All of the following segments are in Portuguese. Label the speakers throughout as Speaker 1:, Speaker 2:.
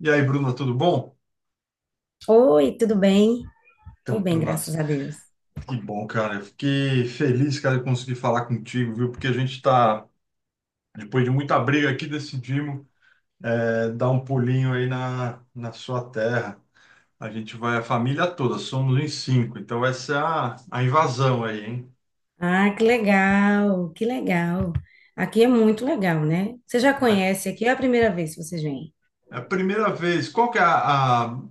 Speaker 1: E aí, Bruna, tudo bom?
Speaker 2: Oi, tudo bem? Tudo
Speaker 1: Então,
Speaker 2: bem,
Speaker 1: Bruna,
Speaker 2: graças a Deus.
Speaker 1: que bom, cara. Eu fiquei feliz, cara, de conseguir falar contigo, viu? Porque a gente tá, depois de muita briga aqui, decidimos dar um pulinho aí na sua terra. A gente vai, a família toda, somos em cinco. Então, essa é a invasão aí, hein?
Speaker 2: Ah, que legal, que legal. Aqui é muito legal, né? Você já
Speaker 1: É
Speaker 2: conhece aqui, é a primeira vez que vocês vêm.
Speaker 1: É a primeira vez. Qual que é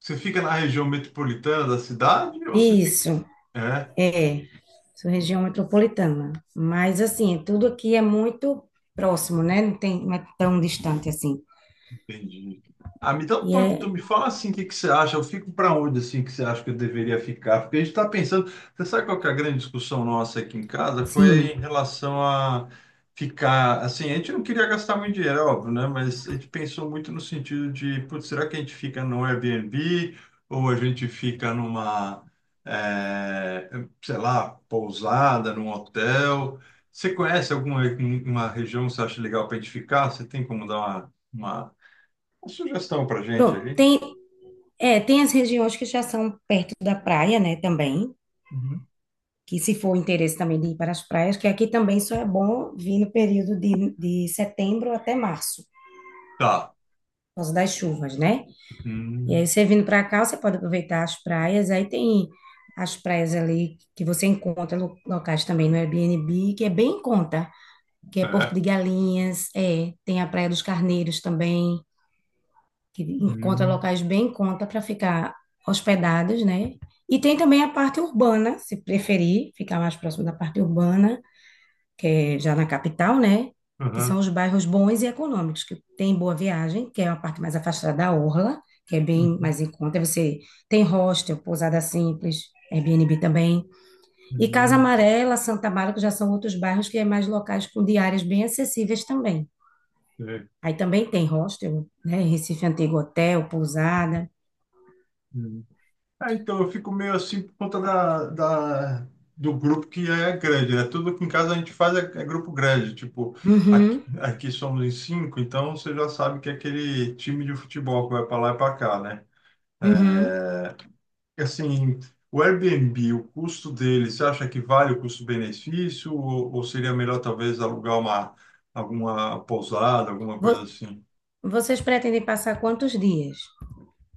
Speaker 1: Você fica na região metropolitana da cidade ou você fica...
Speaker 2: Isso,
Speaker 1: É.
Speaker 2: é. Sou região metropolitana. Mas, assim, tudo aqui é muito próximo, né? Não é tão distante assim.
Speaker 1: Entendi. Ah, me dá um
Speaker 2: E
Speaker 1: toque, então
Speaker 2: é,
Speaker 1: me fala assim o que que você acha, eu fico para onde assim que você acha que eu deveria ficar? Porque a gente está pensando, você sabe qual que é a grande discussão nossa aqui em casa? Foi
Speaker 2: sim.
Speaker 1: em relação a ficar, assim, a gente não queria gastar muito dinheiro, é óbvio, né? Mas a gente pensou muito no sentido de, putz, será que a gente fica no Airbnb ou a gente fica numa, eh, sei lá, pousada, num hotel? Você conhece alguma uma região que você acha legal para a gente ficar? Você tem como dar uma sugestão pra gente
Speaker 2: Pronto,
Speaker 1: ali.
Speaker 2: tem as regiões que já são perto da praia, né, também.
Speaker 1: Uhum.
Speaker 2: Que se for o interesse também de ir para as praias, que aqui também só é bom vir no período de setembro até março,
Speaker 1: Tá.
Speaker 2: por causa das chuvas, né? E aí
Speaker 1: Hum,
Speaker 2: você vindo para cá, você pode aproveitar as praias, aí tem as praias ali que você encontra lo- locais também no Airbnb, que é bem em conta, que é Porto
Speaker 1: é.
Speaker 2: de Galinhas, tem a Praia dos Carneiros também, que encontra
Speaker 1: Hum,
Speaker 2: locais bem em conta para ficar hospedados, né? E tem também a parte urbana, se preferir, ficar mais próximo da parte urbana, que é já na capital, né? Que são
Speaker 1: aham.
Speaker 2: os bairros bons e econômicos, que tem Boa Viagem, que é uma parte mais afastada da orla, que é bem
Speaker 1: Uhum,
Speaker 2: mais em conta. Aí você tem hostel, pousada simples, Airbnb também. E Casa
Speaker 1: uhum,
Speaker 2: Amarela, Santa Bárbara, que já são outros bairros que é mais locais com diárias bem acessíveis também.
Speaker 1: é,
Speaker 2: Aí também tem hostel, né? Recife Antigo, hotel, pousada.
Speaker 1: hum. É, então eu fico meio assim por conta do grupo que é grande, né? Tudo que em casa a gente faz é grupo grande. Tipo, aqui,
Speaker 2: Uhum,
Speaker 1: aqui somos em cinco, então você já sabe que é aquele time de futebol que vai pra lá e pra cá, né? É.
Speaker 2: uhum.
Speaker 1: Assim, o Airbnb, o custo dele, você acha que vale o custo-benefício ou seria melhor talvez alugar uma alguma pousada, alguma coisa
Speaker 2: Vo-
Speaker 1: assim?
Speaker 2: Vocês pretendem passar quantos dias?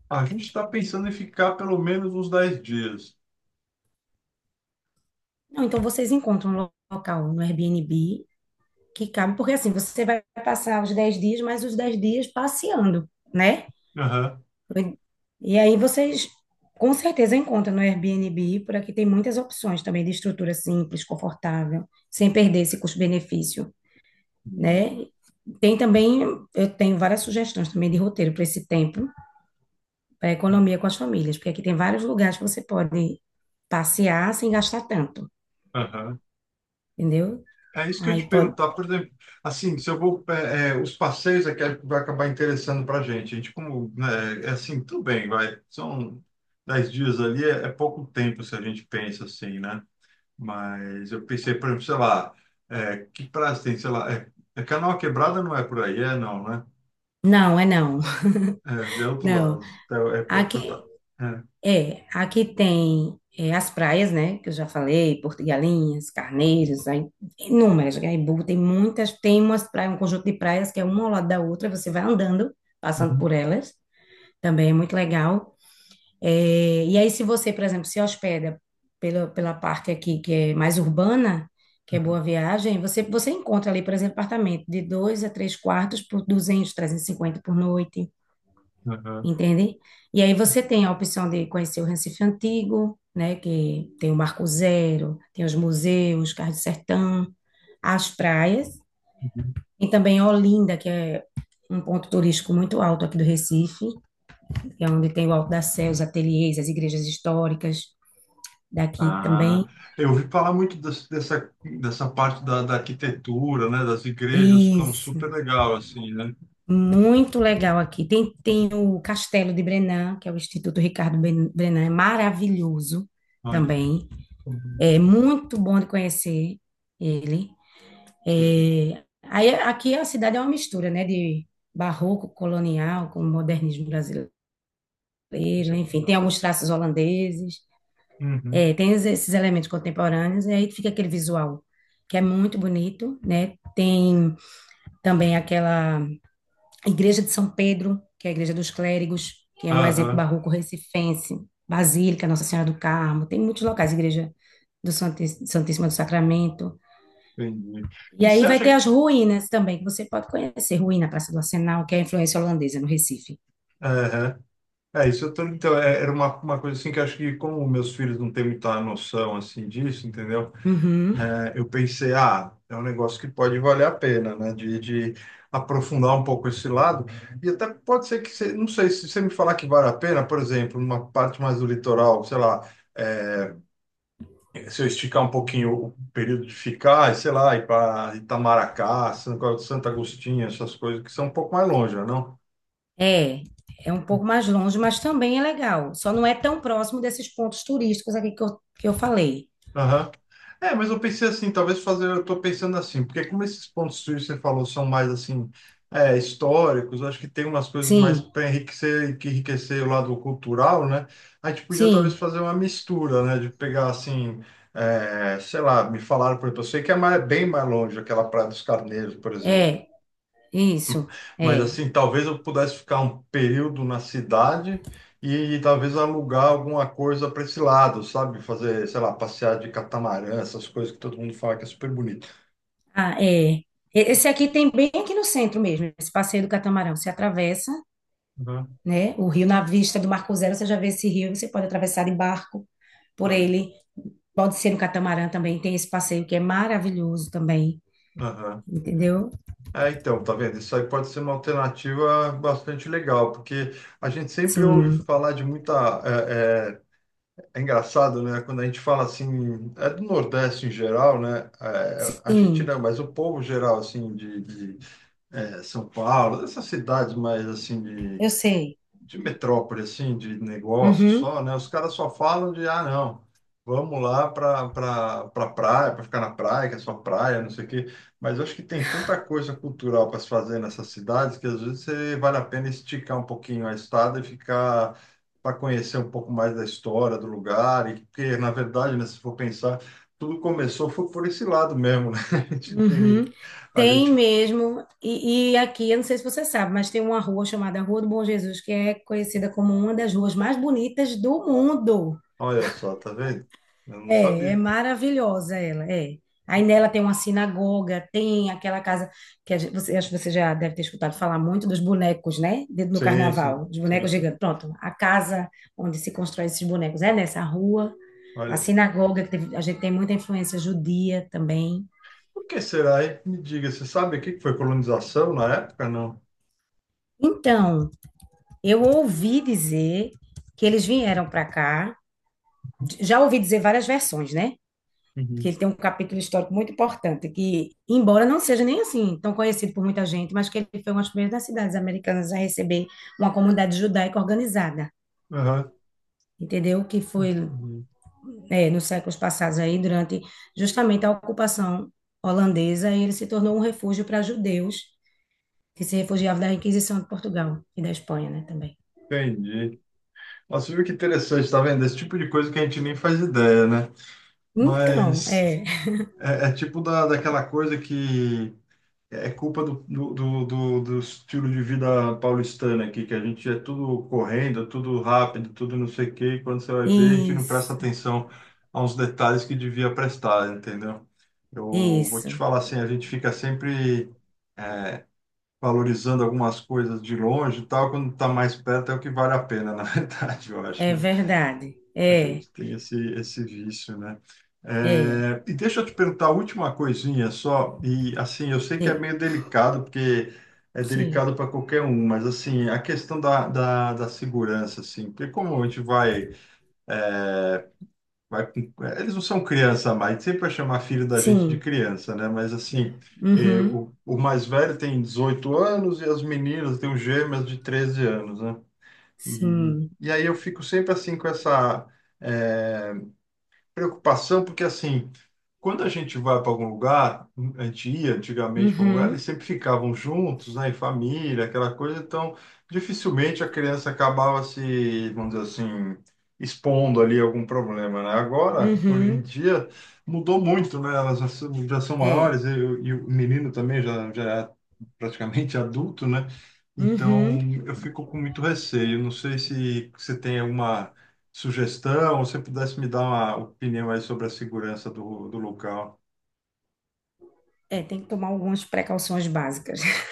Speaker 1: Ah, a gente está pensando em ficar pelo menos uns 10 dias.
Speaker 2: Não, então vocês encontram um lo- local no Airbnb que cabe, porque assim, você vai passar os 10 dias, mais os 10 dias passeando, né?
Speaker 1: Aham.
Speaker 2: E aí vocês com certeza encontram no Airbnb, por aqui tem muitas opções também de estrutura simples, confortável, sem perder esse custo-benefício, né?
Speaker 1: Hum.
Speaker 2: Tem também, eu tenho várias sugestões também de roteiro para esse tempo, para economia com as famílias, porque aqui tem vários lugares que você pode passear sem gastar tanto,
Speaker 1: Aham.
Speaker 2: entendeu?
Speaker 1: É isso que eu ia
Speaker 2: Aí
Speaker 1: te
Speaker 2: pode.
Speaker 1: perguntar, por exemplo, assim, se eu vou, os passeios é que é, vai acabar interessando para a gente. A gente como, né, é assim, tudo bem, vai, são 10 dias ali, é pouco tempo se a gente pensa assim, né? Mas eu pensei, por exemplo, sei lá, que prazo tem, sei lá, é, Canoa Quebrada não é por aí, é não, né?
Speaker 2: Não, é não,
Speaker 1: É, é outro lado,
Speaker 2: não.
Speaker 1: é
Speaker 2: Aqui,
Speaker 1: Portal. É.
Speaker 2: é, aqui as praias, né, que eu já falei, Porto de Galinhas, Carneiros, aí, inúmeras, Gaibu, tem muitas, tem umas praias, um conjunto de praias que é uma ao lado da outra, você vai andando, passando
Speaker 1: Uhum,
Speaker 2: por elas, também é muito legal. É, e aí, se você, por exemplo, se hospeda pela parte aqui que é mais urbana, que é
Speaker 1: uhum,
Speaker 2: Boa Viagem, você encontra ali, por exemplo, apartamento de 2 a 3 quartos por 200 a 350 por noite,
Speaker 1: aham,
Speaker 2: entende? E aí você tem a opção de conhecer o Recife Antigo, né, que tem o Marco Zero, tem os museus, Cais do Sertão, as praias,
Speaker 1: uhum.
Speaker 2: e também Olinda, que é um ponto turístico muito alto aqui do Recife, que é onde tem o Alto da Sé, os ateliês, as igrejas históricas daqui
Speaker 1: Ah,
Speaker 2: também.
Speaker 1: eu ouvi falar muito dessa parte da arquitetura, né? Das igrejas ficam
Speaker 2: Isso,
Speaker 1: super legal, assim, né?
Speaker 2: muito legal aqui. Tem o Castelo de Brenan, que é o Instituto Ricardo Brenan, é maravilhoso
Speaker 1: Olha,
Speaker 2: também.
Speaker 1: uhum,
Speaker 2: É muito bom de conhecer ele.
Speaker 1: sei,
Speaker 2: É, aí aqui a cidade é uma mistura, né, de barroco colonial com modernismo brasileiro,
Speaker 1: isso é
Speaker 2: enfim, tem
Speaker 1: legal.
Speaker 2: alguns traços holandeses,
Speaker 1: Uhum,
Speaker 2: tem es- esses elementos contemporâneos e aí fica aquele visual que é muito bonito, né? Tem também aquela igreja de São Pedro, que é a igreja dos clérigos, que é um exemplo
Speaker 1: aham,
Speaker 2: barroco recifense, Basílica Nossa Senhora do Carmo, tem muitos locais, igreja do Santíssima do Sacramento.
Speaker 1: entendi.
Speaker 2: E
Speaker 1: E
Speaker 2: aí
Speaker 1: você
Speaker 2: vai
Speaker 1: acha
Speaker 2: ter
Speaker 1: que...
Speaker 2: as ruínas também, que você pode conhecer. Ruína, Praça do Arsenal, que é a influência holandesa no Recife.
Speaker 1: é, isso eu tô, então, era uma coisa assim que eu acho que como meus filhos não têm muita noção assim disso, entendeu?
Speaker 2: Uhum.
Speaker 1: É, eu pensei, ah, é um negócio que pode valer a pena, né? De aprofundar um pouco esse lado. E até pode ser que, você, não sei, se você me falar que vale a pena, por exemplo, numa parte mais do litoral, sei lá, é, se eu esticar um pouquinho o período de ficar, sei lá, ir para Itamaracá, São Santa Agostinho, essas coisas que são um pouco mais longe, né, não?
Speaker 2: É, é um pouco mais longe, mas também é legal. Só não é tão próximo desses pontos turísticos aqui que eu falei.
Speaker 1: Aham. É, mas eu pensei assim, talvez fazer, eu tô pensando assim, porque como esses pontos frios que você falou são mais assim, históricos, eu acho que tem umas coisas mais
Speaker 2: Sim,
Speaker 1: para enriquecer, que enriquecer o lado cultural, né? A gente podia talvez
Speaker 2: sim,
Speaker 1: fazer uma mistura, né? De pegar assim, sei lá, me falaram, por exemplo, eu sei que é bem mais longe, aquela Praia dos Carneiros, por exemplo.
Speaker 2: é, isso,
Speaker 1: Mas
Speaker 2: é.
Speaker 1: assim, talvez eu pudesse ficar um período na cidade e, talvez alugar alguma coisa para esse lado, sabe? Fazer, sei lá, passear de catamarã, essas coisas que todo mundo fala que é super bonito.
Speaker 2: Ah, é. Esse aqui tem bem aqui no centro mesmo, esse passeio do catamarão. Você atravessa,
Speaker 1: Uhum.
Speaker 2: né, o rio na vista do Marco Zero, você já vê esse rio, você pode atravessar de barco por
Speaker 1: Olha.
Speaker 2: ele. Pode ser no catamarã também, tem esse passeio que é maravilhoso também,
Speaker 1: Aham.
Speaker 2: entendeu?
Speaker 1: É, então, tá vendo? Isso aí pode ser uma alternativa bastante legal, porque a gente sempre ouve
Speaker 2: Sim,
Speaker 1: falar de muita. É, é, é engraçado, né? Quando a gente fala assim, é do Nordeste em geral, né? É, a gente
Speaker 2: sim,
Speaker 1: não, mas o povo geral, assim, de São Paulo, essas cidades mais assim de,
Speaker 2: eu sei.
Speaker 1: metrópole, assim, de negócio
Speaker 2: Uhum,
Speaker 1: só, né? Os caras só falam de, ah, não, vamos lá para pra praia, para ficar na praia, que é só praia, não sei o quê. Mas eu acho que tem tanta coisa cultural para se fazer nessas cidades que às vezes vale a pena esticar um pouquinho a estada e ficar para conhecer um pouco mais da história do lugar, e porque, na verdade, né, se for pensar, tudo começou foi por esse lado mesmo, né? A gente,
Speaker 2: uhum.
Speaker 1: tem- a
Speaker 2: Tem
Speaker 1: gente
Speaker 2: mesmo, e aqui, eu não sei se você sabe, mas tem uma rua chamada Rua do Bom Jesus, que é conhecida como uma das ruas mais bonitas do mundo.
Speaker 1: Olha só, tá vendo? Eu não
Speaker 2: É, é
Speaker 1: sabia.
Speaker 2: maravilhosa ela, é. Aí
Speaker 1: Então,
Speaker 2: nela tem uma sinagoga, tem aquela casa que a você, acho que você já deve ter escutado falar muito dos bonecos, né? No
Speaker 1: sim, sim,
Speaker 2: carnaval, os
Speaker 1: sim,
Speaker 2: bonecos
Speaker 1: sim.
Speaker 2: gigantes. Pronto, a casa onde se constrói esses bonecos é nessa rua. A
Speaker 1: Olha,
Speaker 2: sinagoga, que a gente tem muita influência judia também.
Speaker 1: o que será, hein? Me diga, você sabe o que que foi colonização na época? Não.
Speaker 2: Então, eu ouvi dizer que eles vieram para cá, já ouvi dizer várias versões, né? Que
Speaker 1: Uhum.
Speaker 2: ele tem um capítulo histórico muito importante, que, embora não seja nem assim tão conhecido por muita gente, mas que ele foi uma das primeiras cidades americanas a receber uma comunidade judaica organizada,
Speaker 1: Aham,
Speaker 2: entendeu? Que foi
Speaker 1: entendi.
Speaker 2: nos séculos passados aí, durante justamente a ocupação holandesa, e ele se tornou um refúgio para judeus que se refugiavam da Inquisição de Portugal e da Espanha, né, também.
Speaker 1: Entendi. Nossa, viu que interessante, tá vendo? Esse tipo de coisa que a gente nem faz ideia, né?
Speaker 2: Então,
Speaker 1: Mas
Speaker 2: é,
Speaker 1: é tipo daquela coisa que é culpa do estilo de vida paulistano aqui, que a gente é tudo correndo, tudo rápido, tudo não sei o quê, e quando você vai ver, a gente não presta
Speaker 2: isso,
Speaker 1: atenção a uns detalhes que devia prestar, entendeu? Eu vou te
Speaker 2: isso,
Speaker 1: falar assim, a gente fica sempre valorizando algumas coisas de longe e tal, quando está mais perto é o que vale a pena, na verdade, eu acho,
Speaker 2: é
Speaker 1: né?
Speaker 2: verdade,
Speaker 1: A
Speaker 2: é,
Speaker 1: gente tem esse vício, né?
Speaker 2: é,
Speaker 1: É, e deixa eu te perguntar a última coisinha só, e assim, eu sei que é
Speaker 2: é,
Speaker 1: meio delicado, porque é
Speaker 2: sim,
Speaker 1: delicado para qualquer um, mas assim, a questão da segurança, assim, porque como a gente vai, eles não são criança mais, sempre vai chamar filho da gente de
Speaker 2: sim,
Speaker 1: criança, né? Mas assim,
Speaker 2: uhum.
Speaker 1: o mais velho tem 18 anos e as meninas têm os gêmeas de 13 anos, né? E,
Speaker 2: Sim.
Speaker 1: e aí eu fico sempre assim com essa é, preocupação, porque assim, quando a gente vai para algum lugar, a gente ia antigamente para algum lugar, eles
Speaker 2: Uhum.
Speaker 1: sempre ficavam juntos, né, em família, aquela coisa, então dificilmente a criança acabava se, vamos dizer assim, expondo ali algum problema, né? Agora, hoje em
Speaker 2: Uhum.
Speaker 1: dia, mudou muito, né? Elas já são
Speaker 2: É.
Speaker 1: maiores e o menino também já é praticamente adulto, né? Então,
Speaker 2: Uhum.
Speaker 1: eu fico com muito receio. Não sei se você tem alguma sugestão, ou se você pudesse me dar uma opinião aí sobre a segurança do local.
Speaker 2: É, tem que tomar algumas precauções básicas.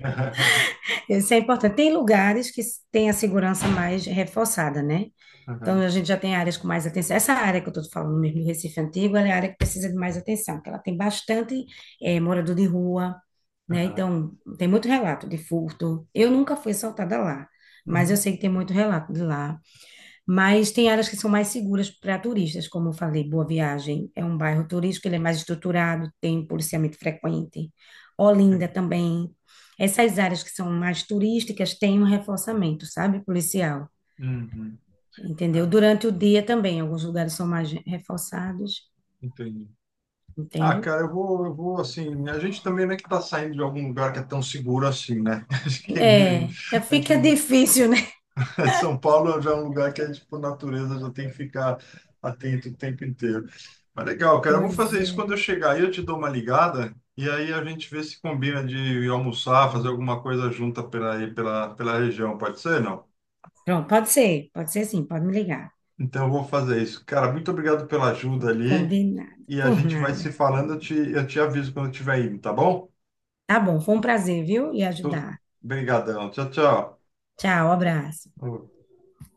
Speaker 2: Isso é importante. Tem lugares que tem a segurança mais reforçada, né? Então,
Speaker 1: Aham,
Speaker 2: a gente já tem áreas com mais atenção. Essa área que eu estou falando mesmo do Recife Antigo, ela é a área que precisa de mais atenção, porque ela tem bastante morador de rua, né?
Speaker 1: aham.
Speaker 2: Então, tem muito relato de furto. Eu nunca fui assaltada lá, mas eu
Speaker 1: Uhum,
Speaker 2: sei que tem muito relato de lá. Mas tem áreas que são mais seguras para turistas, como eu falei, Boa Viagem é um bairro turístico, ele é mais estruturado, tem policiamento frequente. Olinda
Speaker 1: sim.
Speaker 2: também. Essas áreas que são mais turísticas têm um reforçamento, sabe, policial,
Speaker 1: Uhum.
Speaker 2: entendeu?
Speaker 1: É,
Speaker 2: Durante o dia também, alguns lugares são mais reforçados,
Speaker 1: entendi. Ah,
Speaker 2: entende?
Speaker 1: cara, eu vou assim. A gente também não é que está saindo de algum lugar que é tão seguro assim, né? Acho que é meio- a
Speaker 2: Fica
Speaker 1: gente
Speaker 2: difícil, né?
Speaker 1: São Paulo já é um lugar que a gente, por natureza, já tem que ficar atento o tempo inteiro. Mas legal, cara, eu vou
Speaker 2: Pois
Speaker 1: fazer isso quando
Speaker 2: é.
Speaker 1: eu chegar aí, eu te dou uma ligada e aí a gente vê se combina de almoçar, fazer alguma coisa junta pela, aí, pela região, pode ser, não?
Speaker 2: Pronto, pode ser sim, pode me ligar.
Speaker 1: Então eu vou fazer isso. Cara, muito obrigado pela ajuda
Speaker 2: Pronto,
Speaker 1: ali
Speaker 2: combinado,
Speaker 1: e a
Speaker 2: por
Speaker 1: gente vai se
Speaker 2: nada.
Speaker 1: falando, eu te aviso quando eu estiver indo, tá bom?
Speaker 2: Tá bom, foi um prazer, viu? E
Speaker 1: Tu-
Speaker 2: ajudar.
Speaker 1: Obrigadão, tchau, tchau.
Speaker 2: Tchau, abraço.